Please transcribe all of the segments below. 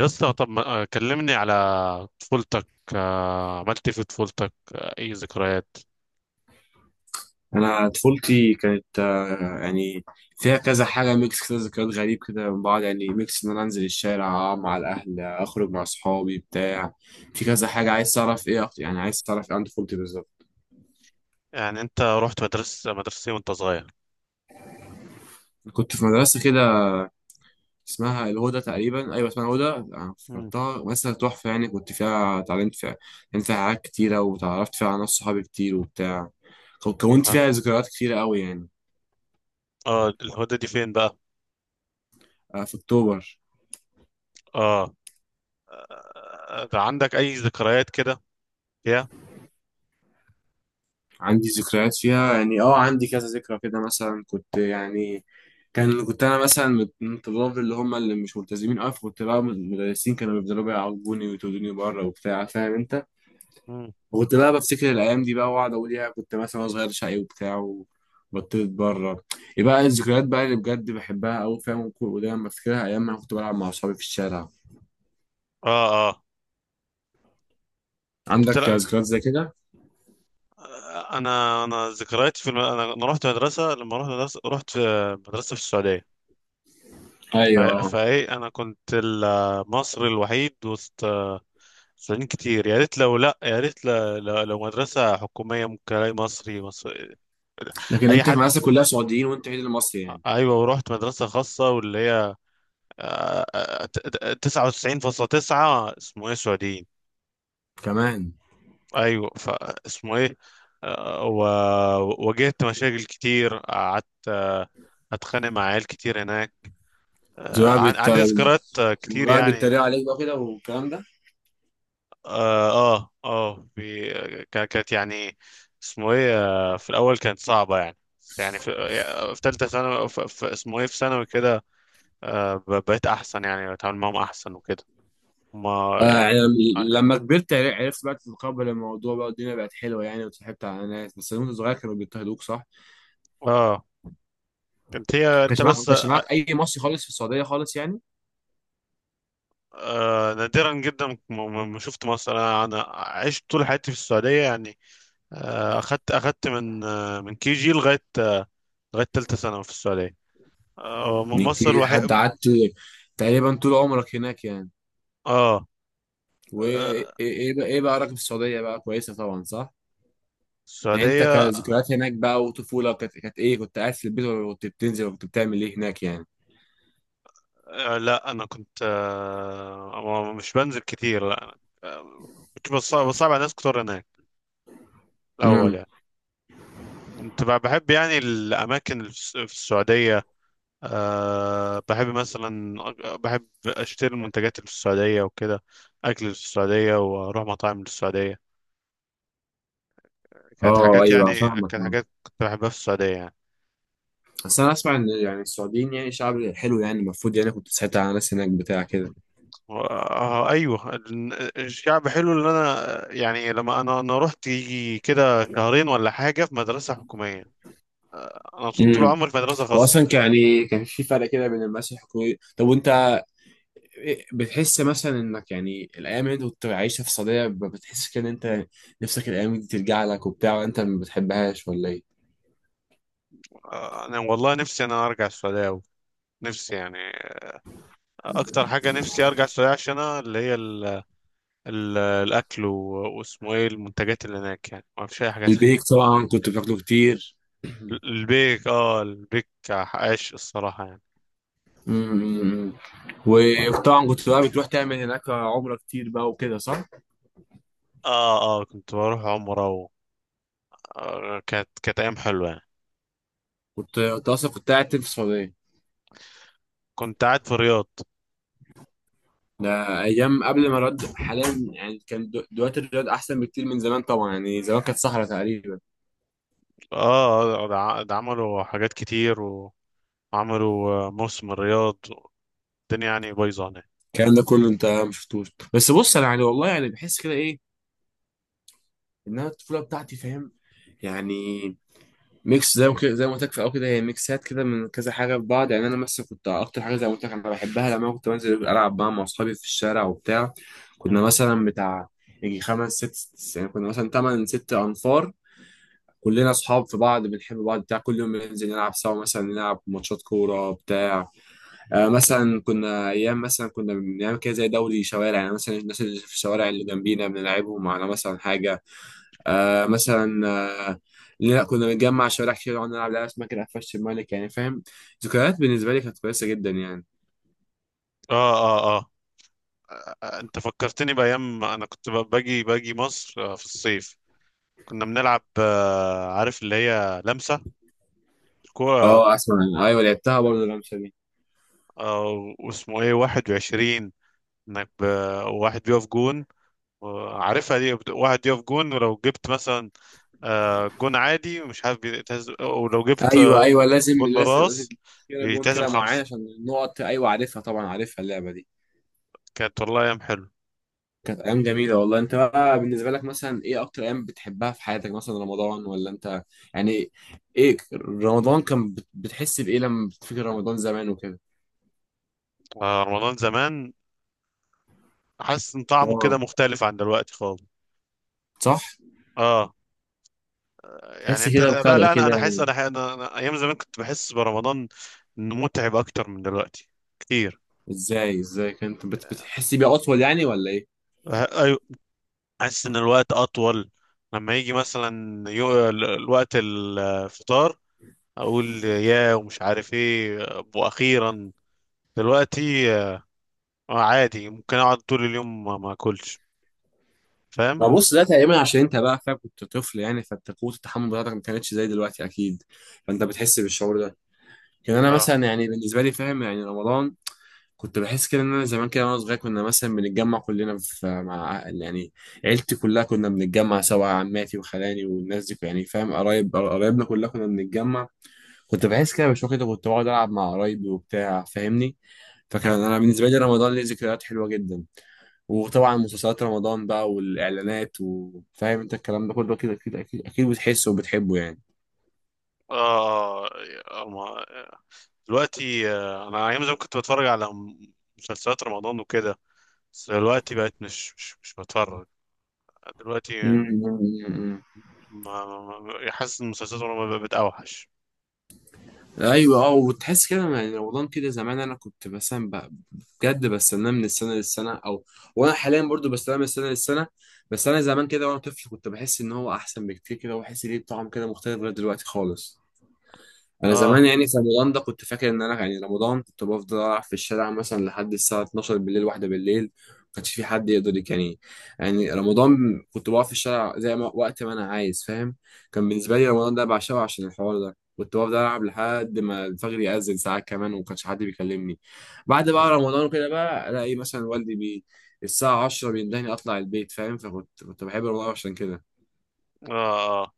يا اسطى، طب كلمني على طفولتك. عملت إيه في طفولتك؟ اي ذكريات؟ انا طفولتي كانت يعني فيها كذا حاجه ميكس كده ذكريات غريب كده من بعض، يعني ميكس ان انا انزل الشارع أقعد مع الاهل اخرج مع اصحابي بتاع. في كذا حاجه عايز تعرف ايه يعني عايز تعرف ايه عن طفولتي بالظبط؟ يعني انت رحت مدرسة إيه وانت صغير؟ كنت في مدرسه كده اسمها الهدى تقريبا، ايوه اسمها الهدى. أنا مم. افتكرتها مدرسه تحفه يعني، كنت فيها اتعلمت فيها اتعلمت فيها حاجات كتيره، وتعرفت فيها على ناس صحابي كتير وبتاع. كونت اه. فيها ذكريات كتيره قوي يعني. الهدى دي فين بقى؟ في اكتوبر. اه. ده عندك اي ذكريات كده؟ يا عندي ذكريات فيها يعني، اه عندي كذا ذكرى كده، مثلا كنت يعني كان كنت انا مثلا من الطلاب اللي هم اللي مش ملتزمين قوي، فكنت بقى المدرسين كانوا بيفضلوا بقى يعاقبوني ويطردوني بره وبتاع، فاهم انت. مم. وكنت بقى بفتكر الايام دي بقى واقعد اقول يا كنت مثلا وأنا صغير شقي وبتاع، وبطلت بره. يبقى الذكريات بقى اللي بجد بحبها قوي فاهم، ودايما بفتكرها ايام ما كنت بلعب مع اصحابي في الشارع. اه، اه، كنت عندك بتلعب. ذكريات زي كده؟ انا ذكرياتي في انا أنا رحت مدرسة لما رحت مدرسة رحت في مدرسة في السعودية. ايوه. فايه انا كنت المصري الوحيد وسط سنين كتير. يا ريت لو، لا، يا ريت لو مدرسة حكومية ممكن الاقي مصري مصري. لكن اي انت في حد. مدرسه كلها سعوديين وانت عيد المصري يعني ايوه، ورحت مدرسة خاصة واللي هي تسعة وتسعين فاصلة تسعة اسمه ايه سعوديين. كمان. ايوه، فاسمه ايه. آه، و- وواجهت مشاكل كتير. قعدت اتخانق مع عيال كتير هناك. كنت بقى بت... عندي ذكريات لما كتير بقى يعني. بيتريقوا عليك بقى كده والكلام ده. اه، اه، في. كانت يعني اسمه ايه. في الاول كانت صعبه يعني، بس يعني في في ثالثه ثانوي في اسمه ايه في ثانوي كده بقيت احسن، يعني بتعامل معاهم احسن وكده. ما آه يعني. يعني اه. لما كبرت عرفت بقى تتقبل الموضوع بقى والدنيا بقت حلوه يعني وتصاحبت على ناس، بس وانت صغير كانوا بيضطهدوك صح؟ آه، كانت هي ما انت كانش معاك ما بس كانش معاك اي مصري خالص في السعوديه خالص يعني؟ نادرا جدا، ما شفت مصر. انا عشت طول حياتي في السعوديه يعني. اخدت من من كي جي لغايه لغايه ثالثه ثانوي في السعوديه. انت مصر حد الوحيد. قعدت تقريبا طول عمرك هناك يعني. اه. وايه آه، ايه إيه إيه بقى، ايه بقى رايك في السعوديه بقى، كويسه طبعا صح؟ يعني انت السعودية. كذكريات هناك بقى وطفوله كانت كانت ايه، كنت قاعد في البيت ولا كنت بتنزل ولا كنت بتعمل ايه هناك يعني؟ لا أنا كنت مش بنزل كتير، لا. آه، كنت بصعب على ناس كتير هناك الأول امم. يعني. كنت بحب يعني الأماكن اللي في في السعودية. بحب مثلا بحب أشتري المنتجات اللي في السعودية وكده، أكل اللي في السعودية، وأروح مطاعم اللي في السعودية. اه ايوه فاهمك كانت آه. حاجات كنت بحبها في السعودية يعني. بس انا اسمع ان يعني السعوديين يعني شعب حلو يعني، المفروض يعني كنت ساعتها على ناس هناك بتاع كده. ايوه، الشعب حلو. اللي انا يعني لما انا رحت يجي كده شهرين ولا حاجه في مدرسه حكوميه، انا كنت طول امم. عمري في مدرسه خاصه. واصلا كان يعني كان في فرق كده بين المدارس الحكوميه، طب وانت بتحس مثلا انك يعني الايام اللي انت كنت عايشها في السعوديه بتحس كده ان انت نفسك الايام دي ترجع لك وبتاع، وانت ما بتحبهاش ولا ايه؟ انا والله نفسي انا ارجع السعوديه أوي. نفسي يعني اكتر حاجه نفسي ارجع السعوديه عشانها، اللي هي ال ال الاكل و- واسمه ايه المنتجات اللي هناك يعني، ما فيش اي حاجه تانية. البيك طبعا كنت بتاكله كتير. البيك. اه، البيك عاش، الصراحه يعني. أمم. وطبعا كنت بقى بتروح تعمل هناك عمره كتير بقى وكده صح. اه، اه، كنت بروح عمره كانت ايام حلوه يعني. كنت أنت اصلا كنت قاعد في السعوديه. كنت قاعد في الرياض. ده ايام قبل ما الرياض حاليا، يعني كان دلوقتي الرياض احسن بكتير من زمان طبعا، يعني زمان كانت صحراء تقريبا. اه، ده عملوا حاجات كتير، وعملوا موسم الرياض. الدنيا يعني بايظه هناك. الكلام ده كله انت ما شفتوش. بس بص انا يعني والله يعني بحس كده ايه، ان انا الطفوله بتاعتي فاهم يعني ميكس زي ما قلت لك في الاول كده، هي ميكسات كده من كذا حاجه في بعض يعني. انا مثلا كنت اكتر حاجه زي ما قلت لك انا بحبها لما كنت بنزل العب بقى مع اصحابي في الشارع وبتاع. كنا مم. مثلا بتاع يجي خمس ست يعني، كنا مثلا تمن ست انفار، كلنا اصحاب في بعض بنحب بعض بتاع، كل يوم بننزل نلعب سوا مثلا نلعب ماتشات كوره بتاع. مثلا كنا ايام مثلا كنا بنعمل كده زي دوري شوارع يعني، مثلا الناس اللي في الشوارع اللي جنبينا بنلعبهم على مثلا حاجه. آه مثلا آه لا كنا بنجمع شوارع كتير ونقعد نلعب لعبه اسمها كده قفشت الملك يعني فاهم. ذكريات بالنسبه لي كانت كويسه جدا يعني. اه، اه، اه. انت فكرتني بايام ما انا كنت باجي مصر في الصيف. كنا بنلعب عارف اللي هي لمسه الكوره، اه اسمع، ايوه لعبتها برضه الرمشه دي. واسمه ايه 21، انك ب- واحد بيقف جون. عارفها دي واحد يقف جون، ولو جبت مثلا جون عادي مش عارف بيتهز، ولو جبت ايوه ايوه لازم جون لازم لازم براس كده جون يتهزم كده معين خمسة. عشان النقط، ايوه عارفها طبعا عارفها اللعبه دي. كانت والله ايام حلو. كانت ايام جميله والله. انت بقى بالنسبه لك مثلا ايه اكتر ايام بتحبها في حياتك، مثلا رمضان ولا انت يعني ايه؟ رمضان كان بتحس بايه لما بتفكر رمضان زمان وكده؟ رمضان زمان، حاسس ان طعمه كده اه مختلف عن دلوقتي خالص. صح. اه، يعني تحس انت، كده لا، بفرق لا، انا كده حاسس و أنا ايام زمان كنت بحس برمضان انه متعب اكتر من دلوقتي كتير. ازاي كنت بتحس بيه اطول يعني ولا ايه؟ ايوه، حاسس ان الوقت اطول. لما يجي مثلا الوقت الفطار، اقول يا ومش عارف ايه، واخيرا. دلوقتي آه عادي، ممكن اقعد طول اليوم ما اكلش، فاهم. ما بص، ده تقريبا عشان انت بقى فاهم كنت طفل يعني، فانت قوه التحمل بتاعتك ما كانتش زي دلوقتي اكيد، فانت بتحس بالشعور ده. كان انا اه، مثلا يعني بالنسبه لي فاهم يعني رمضان، كنت بحس كده ان انا زمان كده وانا صغير كنا مثلا بنتجمع كلنا في مع يعني عيلتي كلها، كنا بنتجمع سوا عماتي وخلاني والناس دي يعني فاهم، قرايب قرايبنا كلها كنا بنتجمع. كنت بحس كده بشويه كده، كنت بقعد العب مع قرايبي وبتاع فاهمني. فكان اه، انا بالنسبه لي رمضان ليه ذكريات حلوه جدا. وطبعا مسلسلات رمضان بقى والاعلانات، وفاهم انت الكلام ده كله كده، اكيد بتحسه وبتحبه يعني. اه. دلوقتي، انا ايام زمان كنت بتفرج على مسلسلات رمضان وكده، بس دلوقتي بقيت مش بتفرج. دلوقتي حاسس ان مسلسلات رمضان بقت اوحش. ايوه اه. وتحس كده يعني رمضان كده زمان، انا كنت مثلا بجد بستناه من السنه للسنه او وانا حاليا برضو بستناه من السنه للسنه. بس انا زمان كده وانا طفل كنت بحس ان هو احسن بكتير كده، واحس ليه طعم كده مختلف غير دلوقتي خالص. انا اه، زمان يعني في رمضان ده كنت فاكر ان انا يعني رمضان كنت بفضل ألعب في الشارع مثلا لحد الساعه 12 بالليل، واحده بالليل ما كانش في حد يقدر يعني، يعني رمضان كنت بقف في الشارع زي ما وقت ما انا عايز فاهم. كان بالنسبه لي رمضان ده بعشقه عشان الحوار ده، كنت بفضل العب لحد ما الفجر يأذن ساعات كمان وما كانش حد بيكلمني. بعد بقى اه، رمضان وكده بقى الاقي مثلا والدي بي الساعه 10 بيندهني اطلع البيت فاهم، فكنت كنت بحب رمضان عشان كده. اه،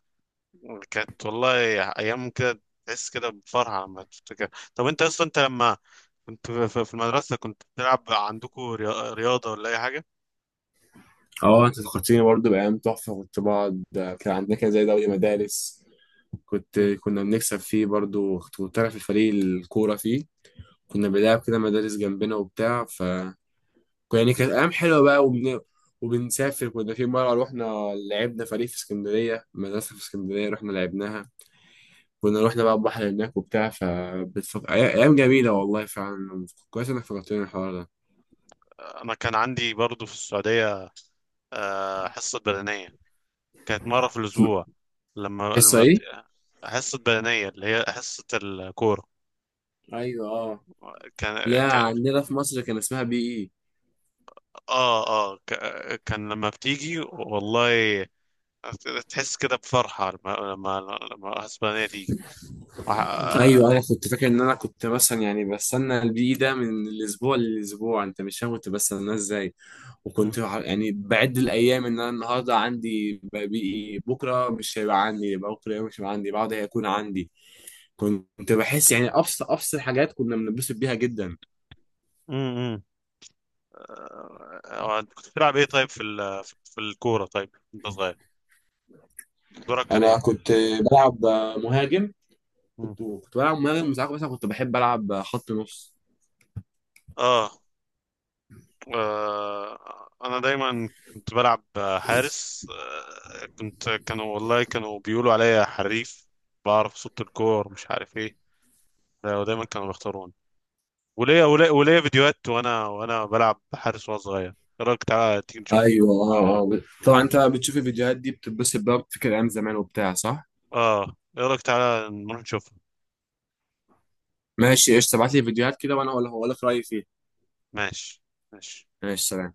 كانت والله ايام كده تحس كده بفرحة لما تفتكر. طب انت لما كنت في المدرسة كنت بتلعب عندكم رياضة ولا اي حاجة؟ اه انت فكرتيني برضه بايام تحفه. كنت بقعد، كان عندنا كده زي دوري مدارس، كنت مم. كنا بنكسب فيه برضو، كنت أنا في الفريق الكورة فيه، كنا بنلعب كده مدارس جنبنا وبتاع ف يعني كانت أيام حلوة بقى. وبنسافر، كنا في مرة رحنا لعبنا فريق في اسكندرية، مدرسة في اسكندرية رحنا لعبناها، كنا رحنا بقى البحر هناك وبتاع ف أيام جميلة والله فعلا، كويس إنك فكرتني الحوار ده. انا كان عندي برضو في السعودية حصة بدنية، كانت مرة في الاسبوع. لما حصة إيه؟ حصة بدنية اللي هي حصة الكورة. أيوه أه. كان لا كان عندنا في مصر كان اسمها بي إي. اه، اه، كان لما بتيجي، والله تحس كده بفرحة لما لما حصة بدنية تيجي ايوه وح- انا كنت فاكر ان انا كنت مثلا يعني بستنى البي ده من الاسبوع للاسبوع، انت مش فاهم كنت بستناه ازاي. مم. وكنت يعني بعد الايام ان انا النهارده عندي بي، بكره مش هيبقى عندي، يبقى بكره مش هيبقى عندي بعده هيكون عندي. كنت بحس يعني ابسط ابسط حاجات كنا بنتبسط بيها جدا. مم. مم. انت كنت بتلعب ايه طيب في في الكورة؟ طيب انت صغير، دورك كان انا ايه؟ كنت بلعب مهاجم. مم. كنت بلعب مهاجم، ساعات مثلا كنت بحب العب خط نص. اه. انا دايما كنت بلعب حارس. آه، كنت كانوا والله بيقولوا عليا حريف، بعرف صوت الكور، مش عارف ايه. ودايما كانوا بيختاروني. وليا فيديوهات وانا بلعب حارس وانا صغير. ايه رايك تعالى تيجي نشوفها؟ ايوه اه آه. طبعا انت بتشوف الفيديوهات دي بتتبسط بقى بتفكر ايام زمان وبتاع صح. اه. ايه رايك تعالى نروح نشوفها؟ ماشي قشطة، ابعت لي فيديوهات كده وانا هقول لك رأيي فيها. ماشي، ماشي. ماشي سلام.